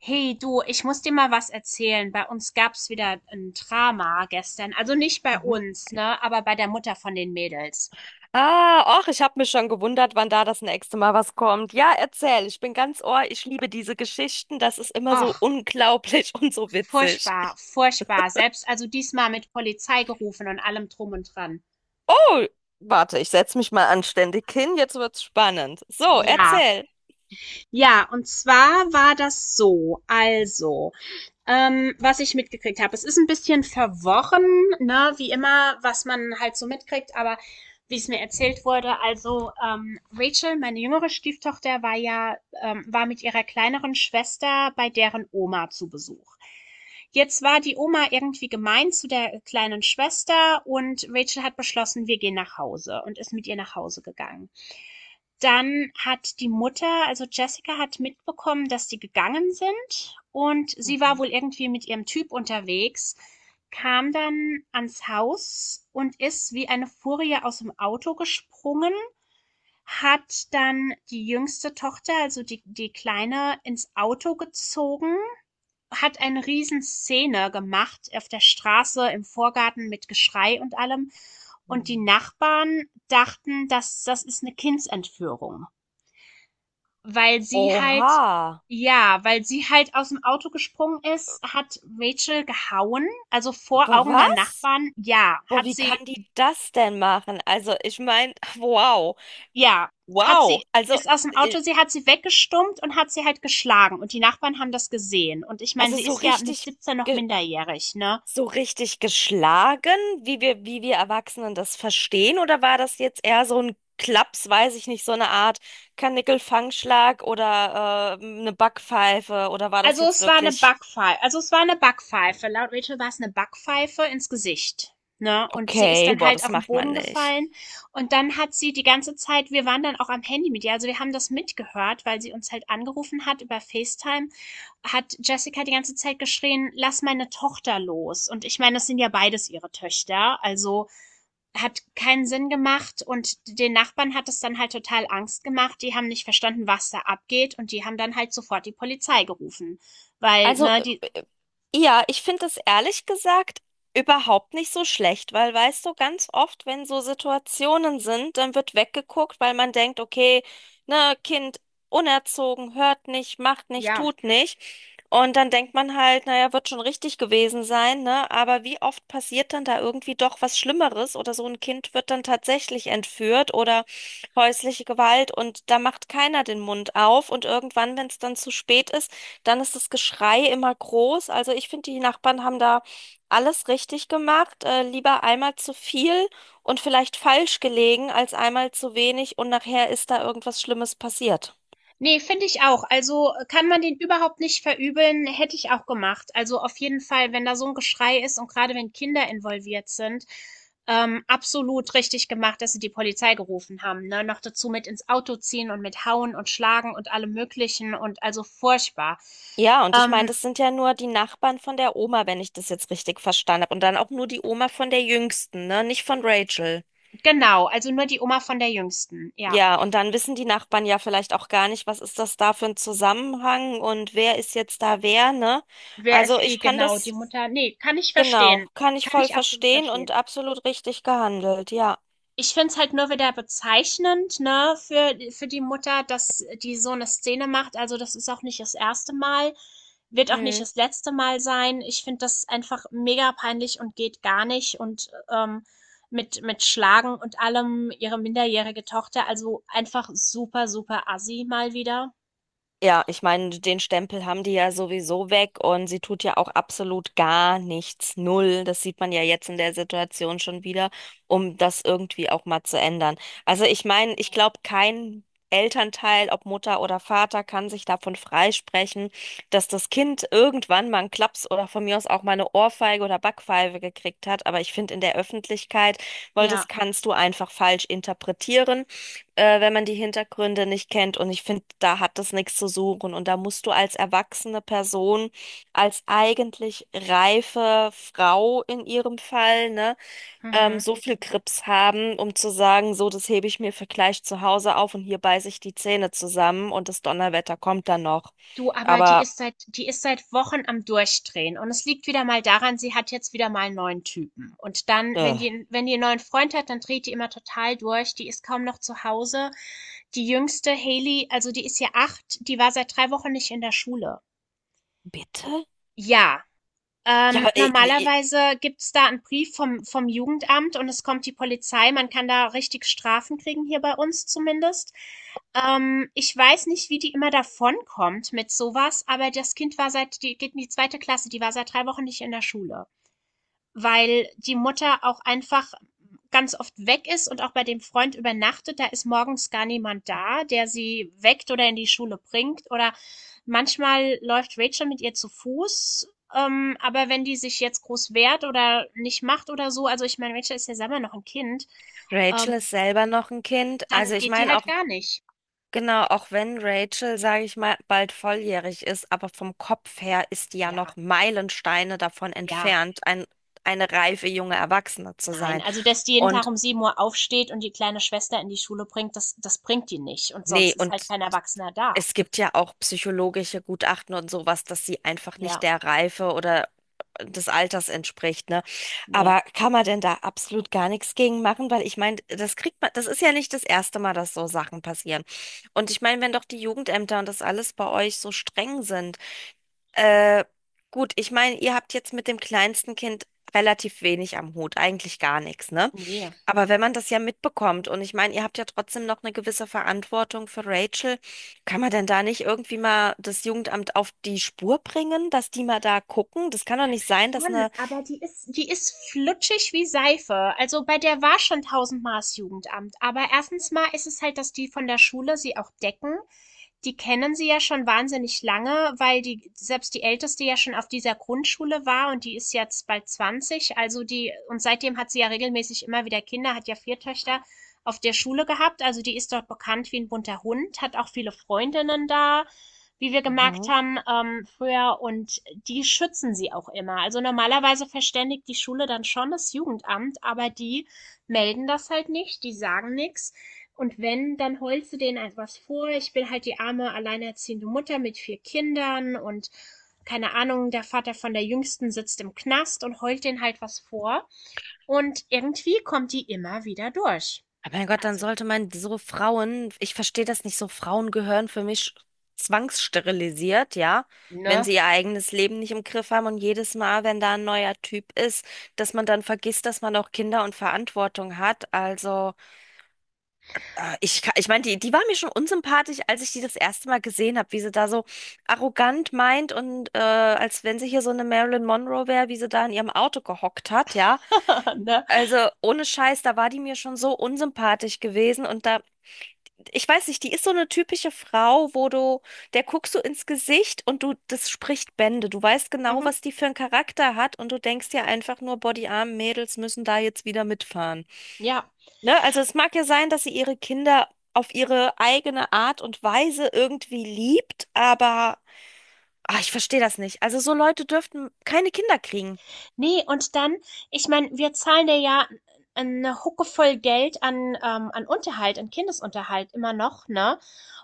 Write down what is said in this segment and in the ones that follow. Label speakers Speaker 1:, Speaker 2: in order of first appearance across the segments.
Speaker 1: Hey du, ich muss dir mal was erzählen. Bei uns gab's wieder ein Drama gestern. Also nicht bei
Speaker 2: Mhm.
Speaker 1: uns, ne, aber bei der Mutter von den Mädels.
Speaker 2: Ah, och, ich habe mich schon gewundert, wann da das nächste Mal was kommt. Ja, erzähl, ich bin ganz Ohr, ich liebe diese Geschichten, das ist immer so
Speaker 1: Och,
Speaker 2: unglaublich und so witzig.
Speaker 1: furchtbar, furchtbar. Selbst also diesmal mit Polizei gerufen und allem drum und dran.
Speaker 2: Oh, warte, ich setze mich mal anständig hin, jetzt wird's spannend. So,
Speaker 1: Ja,
Speaker 2: erzähl.
Speaker 1: ja, und zwar war das so. Also, was ich mitgekriegt habe. Es ist ein bisschen verworren, ne, wie immer, was man halt so mitkriegt, aber wie es mir erzählt wurde, also Rachel, meine jüngere Stieftochter, war ja, war mit ihrer kleineren Schwester bei deren Oma zu Besuch. Jetzt war die Oma irgendwie gemein zu der kleinen Schwester und Rachel hat beschlossen, wir gehen nach Hause und ist mit ihr nach Hause gegangen. Dann hat die Mutter, also Jessica hat mitbekommen, dass die gegangen sind und sie war
Speaker 2: Mhm.
Speaker 1: wohl irgendwie mit ihrem Typ unterwegs, kam dann ans Haus und ist wie eine Furie aus dem Auto gesprungen, hat dann die jüngste Tochter, also die Kleine, ins Auto gezogen, hat eine Riesenszene gemacht auf der Straße, im Vorgarten mit Geschrei und allem. Und die
Speaker 2: Mhm.
Speaker 1: Nachbarn dachten, dass das ist eine Kindsentführung. Weil sie halt
Speaker 2: Oha,
Speaker 1: Ja, weil sie halt aus dem Auto gesprungen ist, hat Rachel gehauen, also
Speaker 2: B-
Speaker 1: vor Augen der
Speaker 2: was?
Speaker 1: Nachbarn. Ja,
Speaker 2: Boah, wie kann die das denn machen? Also, ich meine, wow,
Speaker 1: ja, hat
Speaker 2: wow.
Speaker 1: sie ist aus dem Auto
Speaker 2: Äh,
Speaker 1: sie hat sie weggestummt und hat sie halt geschlagen und die Nachbarn haben das gesehen. Und ich meine,
Speaker 2: also
Speaker 1: sie
Speaker 2: so
Speaker 1: ist ja mit
Speaker 2: richtig,
Speaker 1: 17 noch
Speaker 2: ge-
Speaker 1: minderjährig, ne?
Speaker 2: so richtig geschlagen, wie wir Erwachsenen das verstehen? Oder war das jetzt eher so ein Klaps, weiß ich nicht, so eine Art Karnickelfangschlag oder eine Backpfeife? Oder war das
Speaker 1: Also,
Speaker 2: jetzt
Speaker 1: es war eine
Speaker 2: wirklich,
Speaker 1: Backpfeife. Laut Rachel war es eine Backpfeife ins Gesicht, ne? Und sie ist
Speaker 2: okay,
Speaker 1: dann
Speaker 2: boah,
Speaker 1: halt
Speaker 2: das
Speaker 1: auf den
Speaker 2: macht man
Speaker 1: Boden
Speaker 2: nicht?
Speaker 1: gefallen und dann hat sie die ganze Zeit wir waren dann auch am Handy mit ihr, also, wir haben das mitgehört, weil sie uns halt angerufen hat über FaceTime, hat Jessica die ganze Zeit geschrien: „Lass meine Tochter los.“ Und ich meine, das sind ja beides ihre Töchter, also hat keinen Sinn gemacht und den Nachbarn hat es dann halt total Angst gemacht. Die haben nicht verstanden, was da abgeht und die haben dann halt sofort die Polizei gerufen, weil
Speaker 2: Also,
Speaker 1: ne die
Speaker 2: äh, ja, ich finde es ehrlich gesagt überhaupt nicht so schlecht, weil weißt du, ganz oft, wenn so Situationen sind, dann wird weggeguckt, weil man denkt, okay, ne, Kind unerzogen, hört nicht, macht nicht,
Speaker 1: ja,
Speaker 2: tut nicht. Und dann denkt man halt, naja, wird schon richtig gewesen sein, ne? Aber wie oft passiert dann da irgendwie doch was Schlimmeres oder so ein Kind wird dann tatsächlich entführt oder häusliche Gewalt und da macht keiner den Mund auf und irgendwann, wenn es dann zu spät ist, dann ist das Geschrei immer groß. Also ich finde, die Nachbarn haben da alles richtig gemacht. Lieber einmal zu viel und vielleicht falsch gelegen, als einmal zu wenig und nachher ist da irgendwas Schlimmes passiert.
Speaker 1: nee, finde ich auch. Also kann man den überhaupt nicht verübeln, hätte ich auch gemacht. Also auf jeden Fall, wenn da so ein Geschrei ist und gerade wenn Kinder involviert sind, absolut richtig gemacht, dass sie die Polizei gerufen haben. Ne? Noch dazu mit ins Auto ziehen und mit hauen und schlagen und allem Möglichen und also furchtbar.
Speaker 2: Ja, und ich meine,
Speaker 1: Ähm,
Speaker 2: das sind ja nur die Nachbarn von der Oma, wenn ich das jetzt richtig verstanden habe. Und dann auch nur die Oma von der Jüngsten, ne? Nicht von Rachel.
Speaker 1: Genau, also nur die Oma von der Jüngsten, ja.
Speaker 2: Ja, und dann wissen die Nachbarn ja vielleicht auch gar nicht, was ist das da für ein Zusammenhang und wer ist jetzt da wer, ne?
Speaker 1: Wer
Speaker 2: Also
Speaker 1: ist die
Speaker 2: ich kann
Speaker 1: genau? Die
Speaker 2: das
Speaker 1: Mutter? Ne, kann ich
Speaker 2: Genau,
Speaker 1: verstehen.
Speaker 2: kann ich
Speaker 1: Kann
Speaker 2: voll
Speaker 1: ich absolut
Speaker 2: verstehen und
Speaker 1: verstehen.
Speaker 2: absolut richtig gehandelt, ja.
Speaker 1: Ich finde es halt nur wieder bezeichnend, ne, für die Mutter, dass die so eine Szene macht. Also, das ist auch nicht das erste Mal, wird auch nicht
Speaker 2: Hm.
Speaker 1: das letzte Mal sein. Ich finde das einfach mega peinlich und geht gar nicht und, mit Schlagen und allem ihre minderjährige Tochter, also einfach super, super assi mal wieder.
Speaker 2: Ja, ich meine, den Stempel haben die ja sowieso weg und sie tut ja auch absolut gar nichts, null. Das sieht man ja jetzt in der Situation schon wieder, um das irgendwie auch mal zu ändern. Also ich meine, ich glaube, kein Elternteil, ob Mutter oder Vater, kann sich davon freisprechen, dass das Kind irgendwann mal einen Klaps oder von mir aus auch mal eine Ohrfeige oder Backpfeife gekriegt hat. Aber ich finde in der Öffentlichkeit, weil das
Speaker 1: Ja,
Speaker 2: kannst du einfach falsch interpretieren wenn man die Hintergründe nicht kennt. Und ich finde, da hat das nichts zu suchen. Und da musst du als erwachsene Person, als eigentlich reife Frau in ihrem Fall, ne,
Speaker 1: mhm.
Speaker 2: so viel Grips haben, um zu sagen, so, das hebe ich mir für gleich zu Hause auf und hier beiße ich die Zähne zusammen und das Donnerwetter kommt dann noch.
Speaker 1: Du, aber die
Speaker 2: Aber,
Speaker 1: ist seit Wochen am Durchdrehen und es liegt wieder mal daran, sie hat jetzt wieder mal einen neuen Typen und dann, wenn
Speaker 2: äh,
Speaker 1: die wenn die 'n neuen Freund hat, dann dreht die immer total durch. Die ist kaum noch zu Hause. Die Jüngste, Haley, also, die ist ja 8, die war seit 3 Wochen nicht in der Schule.
Speaker 2: bitte?
Speaker 1: Ja,
Speaker 2: Ja, aber äh, äh, äh,
Speaker 1: normalerweise gibt's da einen Brief vom Jugendamt und es kommt die Polizei. Man kann da richtig Strafen kriegen, hier bei uns zumindest. Ich weiß nicht, wie die immer davonkommt mit sowas, aber das Kind war, seit die geht in die zweite Klasse, die war seit 3 Wochen nicht in der Schule, weil die Mutter auch einfach ganz oft weg ist und auch bei dem Freund übernachtet. Da ist morgens gar niemand da, der sie weckt oder in die Schule bringt. Oder manchmal läuft Rachel mit ihr zu Fuß. Aber wenn die sich jetzt groß wehrt oder nicht macht oder so, also ich meine, Rachel ist ja selber noch ein Kind,
Speaker 2: Rachel
Speaker 1: ähm,
Speaker 2: ist selber noch ein Kind. Also
Speaker 1: dann
Speaker 2: ich
Speaker 1: geht die
Speaker 2: meine,
Speaker 1: halt
Speaker 2: auch
Speaker 1: gar nicht.
Speaker 2: Genau, auch wenn Rachel, sage ich mal, bald volljährig ist, aber vom Kopf her ist die ja
Speaker 1: Ja,
Speaker 2: noch Meilensteine davon
Speaker 1: ja,
Speaker 2: entfernt, eine reife junge Erwachsene zu
Speaker 1: nein.
Speaker 2: sein.
Speaker 1: Also, dass die jeden Tag
Speaker 2: Und
Speaker 1: um 7 Uhr aufsteht und die kleine Schwester in die Schule bringt, das bringt die nicht. Und sonst
Speaker 2: nee,
Speaker 1: ist
Speaker 2: und
Speaker 1: halt kein Erwachsener da.
Speaker 2: es gibt ja auch psychologische Gutachten und sowas, dass sie einfach nicht
Speaker 1: Ja,
Speaker 2: der Reife oder des Alters entspricht, ne?
Speaker 1: nee.
Speaker 2: Aber kann man denn da absolut gar nichts gegen machen? Weil ich meine, das kriegt man, das ist ja nicht das erste Mal, dass so Sachen passieren. Und ich meine, wenn doch die Jugendämter und das alles bei euch so streng sind, Äh, gut, ich meine, ihr habt jetzt mit dem kleinsten Kind relativ wenig am Hut, eigentlich gar nichts, ne?
Speaker 1: Nee,
Speaker 2: Aber wenn man das ja mitbekommt und ich meine, ihr habt ja trotzdem noch eine gewisse Verantwortung für Rachel, kann man denn da nicht irgendwie mal das Jugendamt auf die Spur bringen, dass die mal da gucken? Das kann doch nicht sein, dass
Speaker 1: schon,
Speaker 2: eine
Speaker 1: aber die ist flutschig wie Seife. Also, bei der war schon tausendmal das Jugendamt. Aber erstens mal ist es halt, dass die von der Schule sie auch decken. Die kennen sie ja schon wahnsinnig lange, weil die selbst die älteste ja schon auf dieser Grundschule war und die ist jetzt bald 20, also die und seitdem hat sie ja regelmäßig immer wieder Kinder, hat ja vier Töchter auf der Schule gehabt, also die ist dort bekannt wie ein bunter Hund, hat auch viele Freundinnen da, wie wir gemerkt
Speaker 2: Mhm.
Speaker 1: haben früher und die schützen sie auch immer. Also normalerweise verständigt die Schule dann schon das Jugendamt, aber die melden das halt nicht, die sagen nichts und wenn, dann holst du denen etwas vor. Ich bin halt die arme alleinerziehende Mutter mit vier Kindern und keine Ahnung, der Vater von der Jüngsten sitzt im Knast und heult denen halt was vor. Und irgendwie kommt die immer wieder durch.
Speaker 2: Aber mein Gott, dann
Speaker 1: Also,
Speaker 2: sollte man so Frauen, ich verstehe das nicht so, Frauen gehören für mich zwangssterilisiert, ja, wenn
Speaker 1: ne?
Speaker 2: sie ihr eigenes Leben nicht im Griff haben und jedes Mal, wenn da ein neuer Typ ist, dass man dann vergisst, dass man auch Kinder und Verantwortung hat. Also, ich meine, die war mir schon unsympathisch, als ich die das erste Mal gesehen habe, wie sie da so arrogant meint und als wenn sie hier so eine Marilyn Monroe wäre, wie sie da in ihrem Auto gehockt hat, ja.
Speaker 1: Ne?
Speaker 2: Also ohne Scheiß, da war die mir schon so unsympathisch gewesen und da ich weiß nicht, die ist so eine typische Frau, wo du, der guckst du ins Gesicht und du, das spricht Bände. Du weißt genau,
Speaker 1: Mhm.
Speaker 2: was die für einen Charakter hat und du denkst ja einfach nur, boah, die armen Mädels müssen da jetzt wieder mitfahren.
Speaker 1: Ja.
Speaker 2: Ne? Also es mag ja sein, dass sie ihre Kinder auf ihre eigene Art und Weise irgendwie liebt, aber ah, ich verstehe das nicht. Also so Leute dürften keine Kinder kriegen.
Speaker 1: Nee, und dann, ich meine, wir zahlen dir ja eine Hucke voll Geld an, an Unterhalt, an Kindesunterhalt immer noch, ne?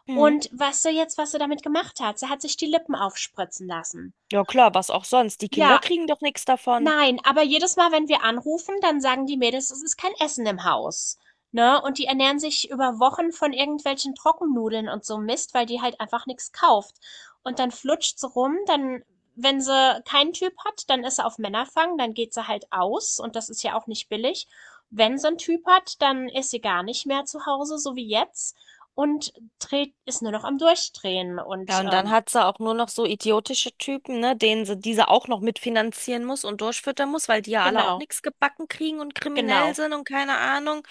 Speaker 2: Hm.
Speaker 1: Und weißt du jetzt, was sie damit gemacht hat? Sie hat sich die Lippen aufspritzen lassen.
Speaker 2: Ja klar, was auch sonst. Die Kinder
Speaker 1: Ja,
Speaker 2: kriegen doch nichts davon.
Speaker 1: nein, aber jedes Mal, wenn wir anrufen, dann sagen die Mädels, es ist kein Essen im Haus, ne? Und die ernähren sich über Wochen von irgendwelchen Trockennudeln und so Mist, weil die halt einfach nichts kauft. Und dann flutscht sie rum, dann, wenn sie keinen Typ hat, dann ist sie auf Männerfang, dann geht sie halt aus und das ist ja auch nicht billig. Wenn sie einen Typ hat, dann ist sie gar nicht mehr zu Hause, so wie jetzt, und dreht, ist nur noch am Durchdrehen und
Speaker 2: Ja, und dann hat sie auch nur noch so idiotische Typen, ne, denen sie diese auch noch mitfinanzieren muss und durchfüttern muss, weil die ja alle auch
Speaker 1: genau,
Speaker 2: nichts gebacken kriegen und kriminell
Speaker 1: genau.
Speaker 2: sind und keine Ahnung.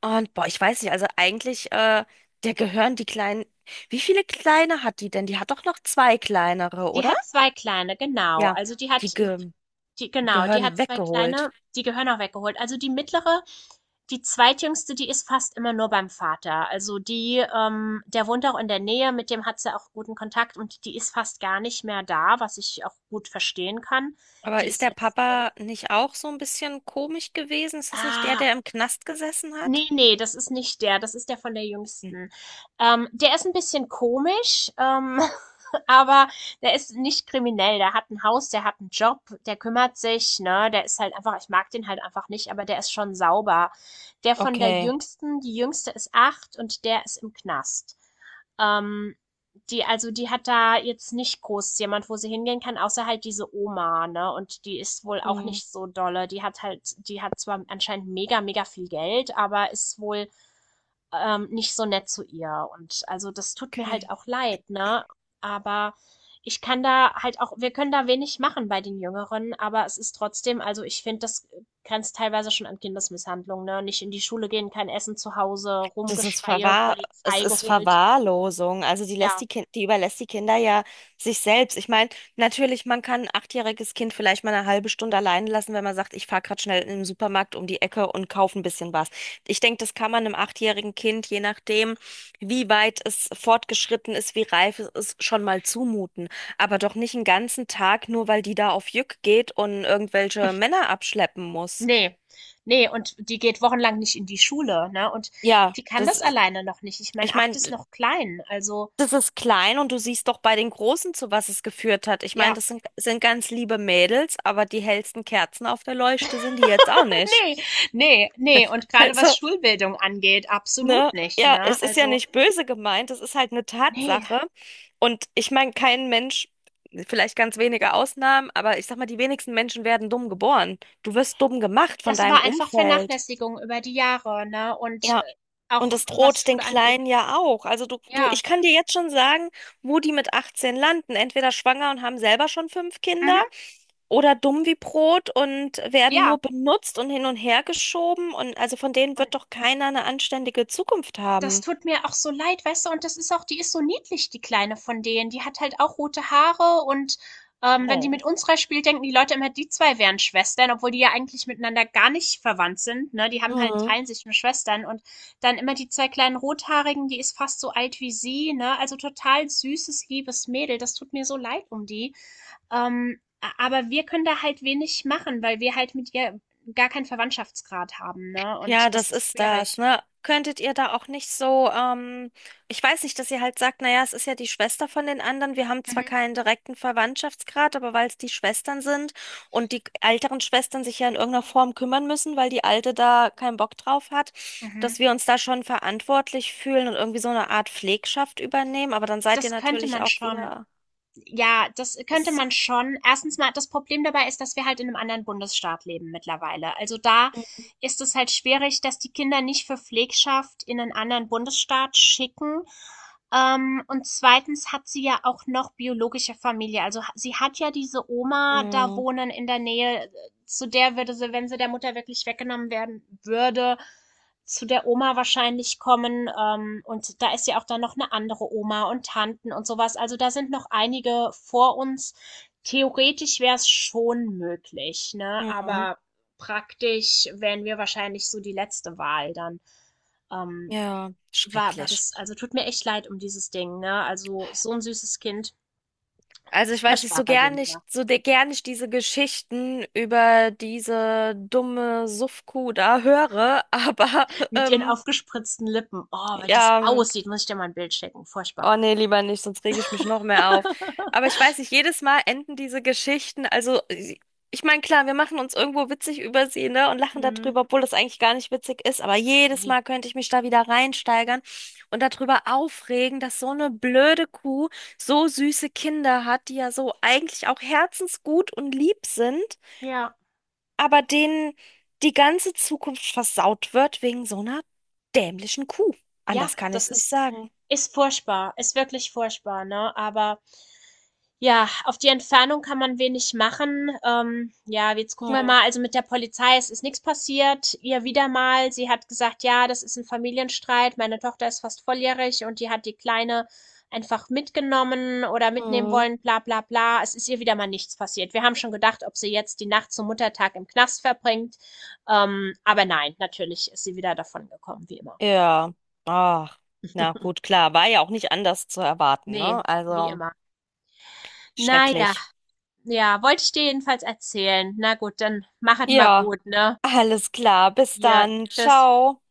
Speaker 2: Und boah, ich weiß nicht, also eigentlich, der gehören die kleinen. Wie viele kleine hat die denn? Die hat doch noch zwei kleinere,
Speaker 1: Die
Speaker 2: oder?
Speaker 1: hat zwei kleine, genau.
Speaker 2: Ja, die ge
Speaker 1: Die genau, die
Speaker 2: gehören
Speaker 1: hat 2
Speaker 2: weggeholt.
Speaker 1: kleine, die gehören auch weggeholt. Also, die mittlere, die zweitjüngste, die ist fast immer nur beim Vater. Also, die der wohnt auch in der Nähe, mit dem hat sie auch guten Kontakt und die ist fast gar nicht mehr da, was ich auch gut verstehen kann.
Speaker 2: Aber
Speaker 1: Die
Speaker 2: ist
Speaker 1: ist
Speaker 2: der
Speaker 1: jetzt 11.
Speaker 2: Papa nicht auch so ein bisschen komisch gewesen? Ist das nicht der,
Speaker 1: Ah,
Speaker 2: der im Knast gesessen hat?
Speaker 1: ne, ne, das ist nicht der, das ist der von der
Speaker 2: Hm.
Speaker 1: Jüngsten. Der ist ein bisschen komisch, aber der ist nicht kriminell. Der hat ein Haus, der hat einen Job, der kümmert sich, ne? Der ist halt einfach Ich mag den halt einfach nicht, aber der ist schon sauber. Der von der
Speaker 2: Okay.
Speaker 1: Jüngsten Die Jüngste ist 8 und der ist im Knast. Ähm. Die, also die hat da jetzt nicht groß jemand, wo sie hingehen kann, außer halt diese Oma, ne? Und die ist wohl auch
Speaker 2: Hm.
Speaker 1: nicht so dolle. Die hat zwar anscheinend mega, mega viel Geld, aber ist wohl nicht so nett zu ihr. Und also das tut mir halt
Speaker 2: Okay.
Speaker 1: auch leid, ne? Aber ich kann da halt auch, wir können da wenig machen bei den Jüngeren, aber es ist trotzdem, also ich finde, das grenzt teilweise schon an Kindesmisshandlung, ne? Nicht in die Schule gehen, kein Essen zu Hause,
Speaker 2: Das ist
Speaker 1: Rumgeschreie,
Speaker 2: Verwahr, es
Speaker 1: Polizei
Speaker 2: ist
Speaker 1: geholt.
Speaker 2: Verwahrlosung.
Speaker 1: Ja.
Speaker 2: Die überlässt die Kinder ja sich selbst. Ich meine, natürlich, man kann ein achtjähriges Kind vielleicht mal eine halbe Stunde allein lassen, wenn man sagt, ich fahre gerade schnell in den Supermarkt um die Ecke und kaufe ein bisschen was. Ich denke, das kann man einem achtjährigen Kind, je nachdem, wie weit es fortgeschritten ist, wie reif es ist, schon mal zumuten. Aber doch nicht einen ganzen Tag, nur weil die da auf Jück geht und irgendwelche Männer abschleppen muss.
Speaker 1: Nee, nee, und die geht wochenlang nicht in die Schule, ne? Und
Speaker 2: Ja,
Speaker 1: die kann das
Speaker 2: das,
Speaker 1: alleine noch nicht. Ich meine,
Speaker 2: ich
Speaker 1: 8
Speaker 2: meine.
Speaker 1: ist noch klein. Also,
Speaker 2: Das ist klein und du siehst doch bei den Großen, zu was es geführt hat. Ich meine,
Speaker 1: ja,
Speaker 2: sind ganz liebe Mädels, aber die hellsten Kerzen auf der Leuchte sind die jetzt auch nicht.
Speaker 1: nee, nee, nee. Und gerade was
Speaker 2: Also,
Speaker 1: Schulbildung angeht, absolut
Speaker 2: ne,
Speaker 1: nicht,
Speaker 2: ja,
Speaker 1: ne?
Speaker 2: es ist ja
Speaker 1: Also,
Speaker 2: nicht böse gemeint, es ist halt eine
Speaker 1: nee,
Speaker 2: Tatsache. Und ich meine, kein Mensch, vielleicht ganz wenige Ausnahmen, aber ich sag mal, die wenigsten Menschen werden dumm geboren. Du wirst dumm gemacht von
Speaker 1: das
Speaker 2: deinem
Speaker 1: war einfach
Speaker 2: Umfeld.
Speaker 1: Vernachlässigung über die Jahre, ne? Und
Speaker 2: Ja.
Speaker 1: auch
Speaker 2: Und es
Speaker 1: was
Speaker 2: droht den
Speaker 1: Schule angeht,
Speaker 2: Kleinen ja auch. Also du,
Speaker 1: ja.
Speaker 2: ich kann dir jetzt schon sagen, wo die mit 18 landen. Entweder schwanger und haben selber schon fünf
Speaker 1: Mhm,
Speaker 2: Kinder oder dumm wie Brot und werden nur
Speaker 1: ja.
Speaker 2: benutzt und hin und her geschoben. Und also von denen
Speaker 1: Und
Speaker 2: wird doch keiner eine anständige Zukunft
Speaker 1: das
Speaker 2: haben.
Speaker 1: tut mir auch so leid, weißt du? Und das ist auch die ist so niedlich, die Kleine von denen. Die hat halt auch rote Haare und wenn die
Speaker 2: Oh.
Speaker 1: mit unserer spielt, denken die Leute immer, die zwei wären Schwestern, obwohl die ja eigentlich miteinander gar nicht verwandt sind. Ne? Die haben halt,
Speaker 2: Mhm.
Speaker 1: teilen sich nur Schwestern und dann immer die zwei kleinen Rothaarigen, die ist fast so alt wie sie, ne? Also total süßes, liebes Mädel. Das tut mir so leid um die. Ähm, aber wir können da halt wenig machen, weil wir halt mit ihr gar keinen Verwandtschaftsgrad haben, ne?
Speaker 2: Ja,
Speaker 1: Und das
Speaker 2: das
Speaker 1: ist
Speaker 2: ist das,
Speaker 1: schwierig.
Speaker 2: ne? Könntet ihr da auch nicht so, ich weiß nicht, dass ihr halt sagt, naja, es ist ja die Schwester von den anderen. Wir haben zwar
Speaker 1: Mhm.
Speaker 2: keinen direkten Verwandtschaftsgrad, aber weil es die Schwestern sind und die älteren Schwestern sich ja in irgendeiner Form kümmern müssen, weil die Alte da keinen Bock drauf hat,
Speaker 1: Mhm.
Speaker 2: dass wir uns da schon verantwortlich fühlen und irgendwie so eine Art Pflegschaft übernehmen. Aber dann seid ihr
Speaker 1: Das könnte
Speaker 2: natürlich
Speaker 1: man
Speaker 2: auch
Speaker 1: schon.
Speaker 2: wieder.
Speaker 1: Ja, das könnte
Speaker 2: Das,
Speaker 1: man schon. Erstens mal, das Problem dabei ist, dass wir halt in einem anderen Bundesstaat leben mittlerweile. Also, da ist es halt schwierig, dass die Kinder nicht für Pflegschaft in einen anderen Bundesstaat schicken. Und zweitens hat sie ja auch noch biologische Familie. Also, ha sie hat ja diese Oma da
Speaker 2: Mhm.
Speaker 1: wohnen in der Nähe, zu der würde sie, wenn sie der Mutter wirklich weggenommen werden würde, zu der Oma wahrscheinlich kommen. Und da ist ja auch dann noch eine andere Oma und Tanten und sowas. Also da sind noch einige vor uns. Theoretisch wäre es schon möglich, ne?
Speaker 2: Mhm.
Speaker 1: Aber praktisch wären wir wahrscheinlich so die letzte Wahl dann. Ähm,
Speaker 2: Ja,
Speaker 1: war
Speaker 2: schrecklich.
Speaker 1: das, also tut mir echt leid um dieses Ding, ne? Also so ein süßes Kind.
Speaker 2: Also ich weiß nicht,
Speaker 1: Furchtbar
Speaker 2: so
Speaker 1: bei
Speaker 2: gern
Speaker 1: denen
Speaker 2: nicht,
Speaker 1: wieder.
Speaker 2: so de- gern ich diese Geschichten über diese dumme Suffkuh da höre, aber
Speaker 1: Mit ihren
Speaker 2: ähm,
Speaker 1: aufgespritzten Lippen. Oh, wenn das
Speaker 2: ja,
Speaker 1: aussieht, muss ich dir mal ein Bild schicken. Furchtbar.
Speaker 2: Oh nee, lieber nicht, sonst reg ich mich noch mehr auf. Aber ich weiß nicht, jedes Mal enden diese Geschichten, also ich meine, klar, wir machen uns irgendwo witzig über sie, ne, und lachen
Speaker 1: Mhm.
Speaker 2: darüber, obwohl das eigentlich gar nicht witzig ist, aber jedes
Speaker 1: Ja.
Speaker 2: Mal könnte ich mich da wieder reinsteigern und darüber aufregen, dass so eine blöde Kuh so süße Kinder hat, die ja so eigentlich auch herzensgut und lieb sind,
Speaker 1: Ja.
Speaker 2: aber denen die ganze Zukunft versaut wird wegen so einer dämlichen Kuh.
Speaker 1: Ja,
Speaker 2: Anders kann ich
Speaker 1: das
Speaker 2: es nicht
Speaker 1: ist
Speaker 2: sagen.
Speaker 1: ist furchtbar, ist wirklich furchtbar, ne? Aber ja, auf die Entfernung kann man wenig machen. Ja, jetzt gucken wir
Speaker 2: Hm.
Speaker 1: mal. Also mit der Polizei, es ist nichts passiert. Ihr wieder mal, sie hat gesagt, ja, das ist ein Familienstreit. Meine Tochter ist fast volljährig und die hat die Kleine einfach mitgenommen oder mitnehmen
Speaker 2: Hm.
Speaker 1: wollen, bla bla bla. Es ist ihr wieder mal nichts passiert. Wir haben schon gedacht, ob sie jetzt die Nacht zum Muttertag im Knast verbringt. Aber nein, natürlich ist sie wieder davon gekommen, wie immer.
Speaker 2: Ja, ach, na gut, klar, war ja auch nicht anders zu erwarten,
Speaker 1: Nee,
Speaker 2: ne?
Speaker 1: wie
Speaker 2: Also
Speaker 1: immer. Na ja,
Speaker 2: schrecklich.
Speaker 1: ja, wollte ich dir jedenfalls erzählen. Na gut, dann machet mal
Speaker 2: Ja,
Speaker 1: gut, ne?
Speaker 2: alles klar, bis
Speaker 1: Hier,
Speaker 2: dann,
Speaker 1: tschüss.
Speaker 2: ciao.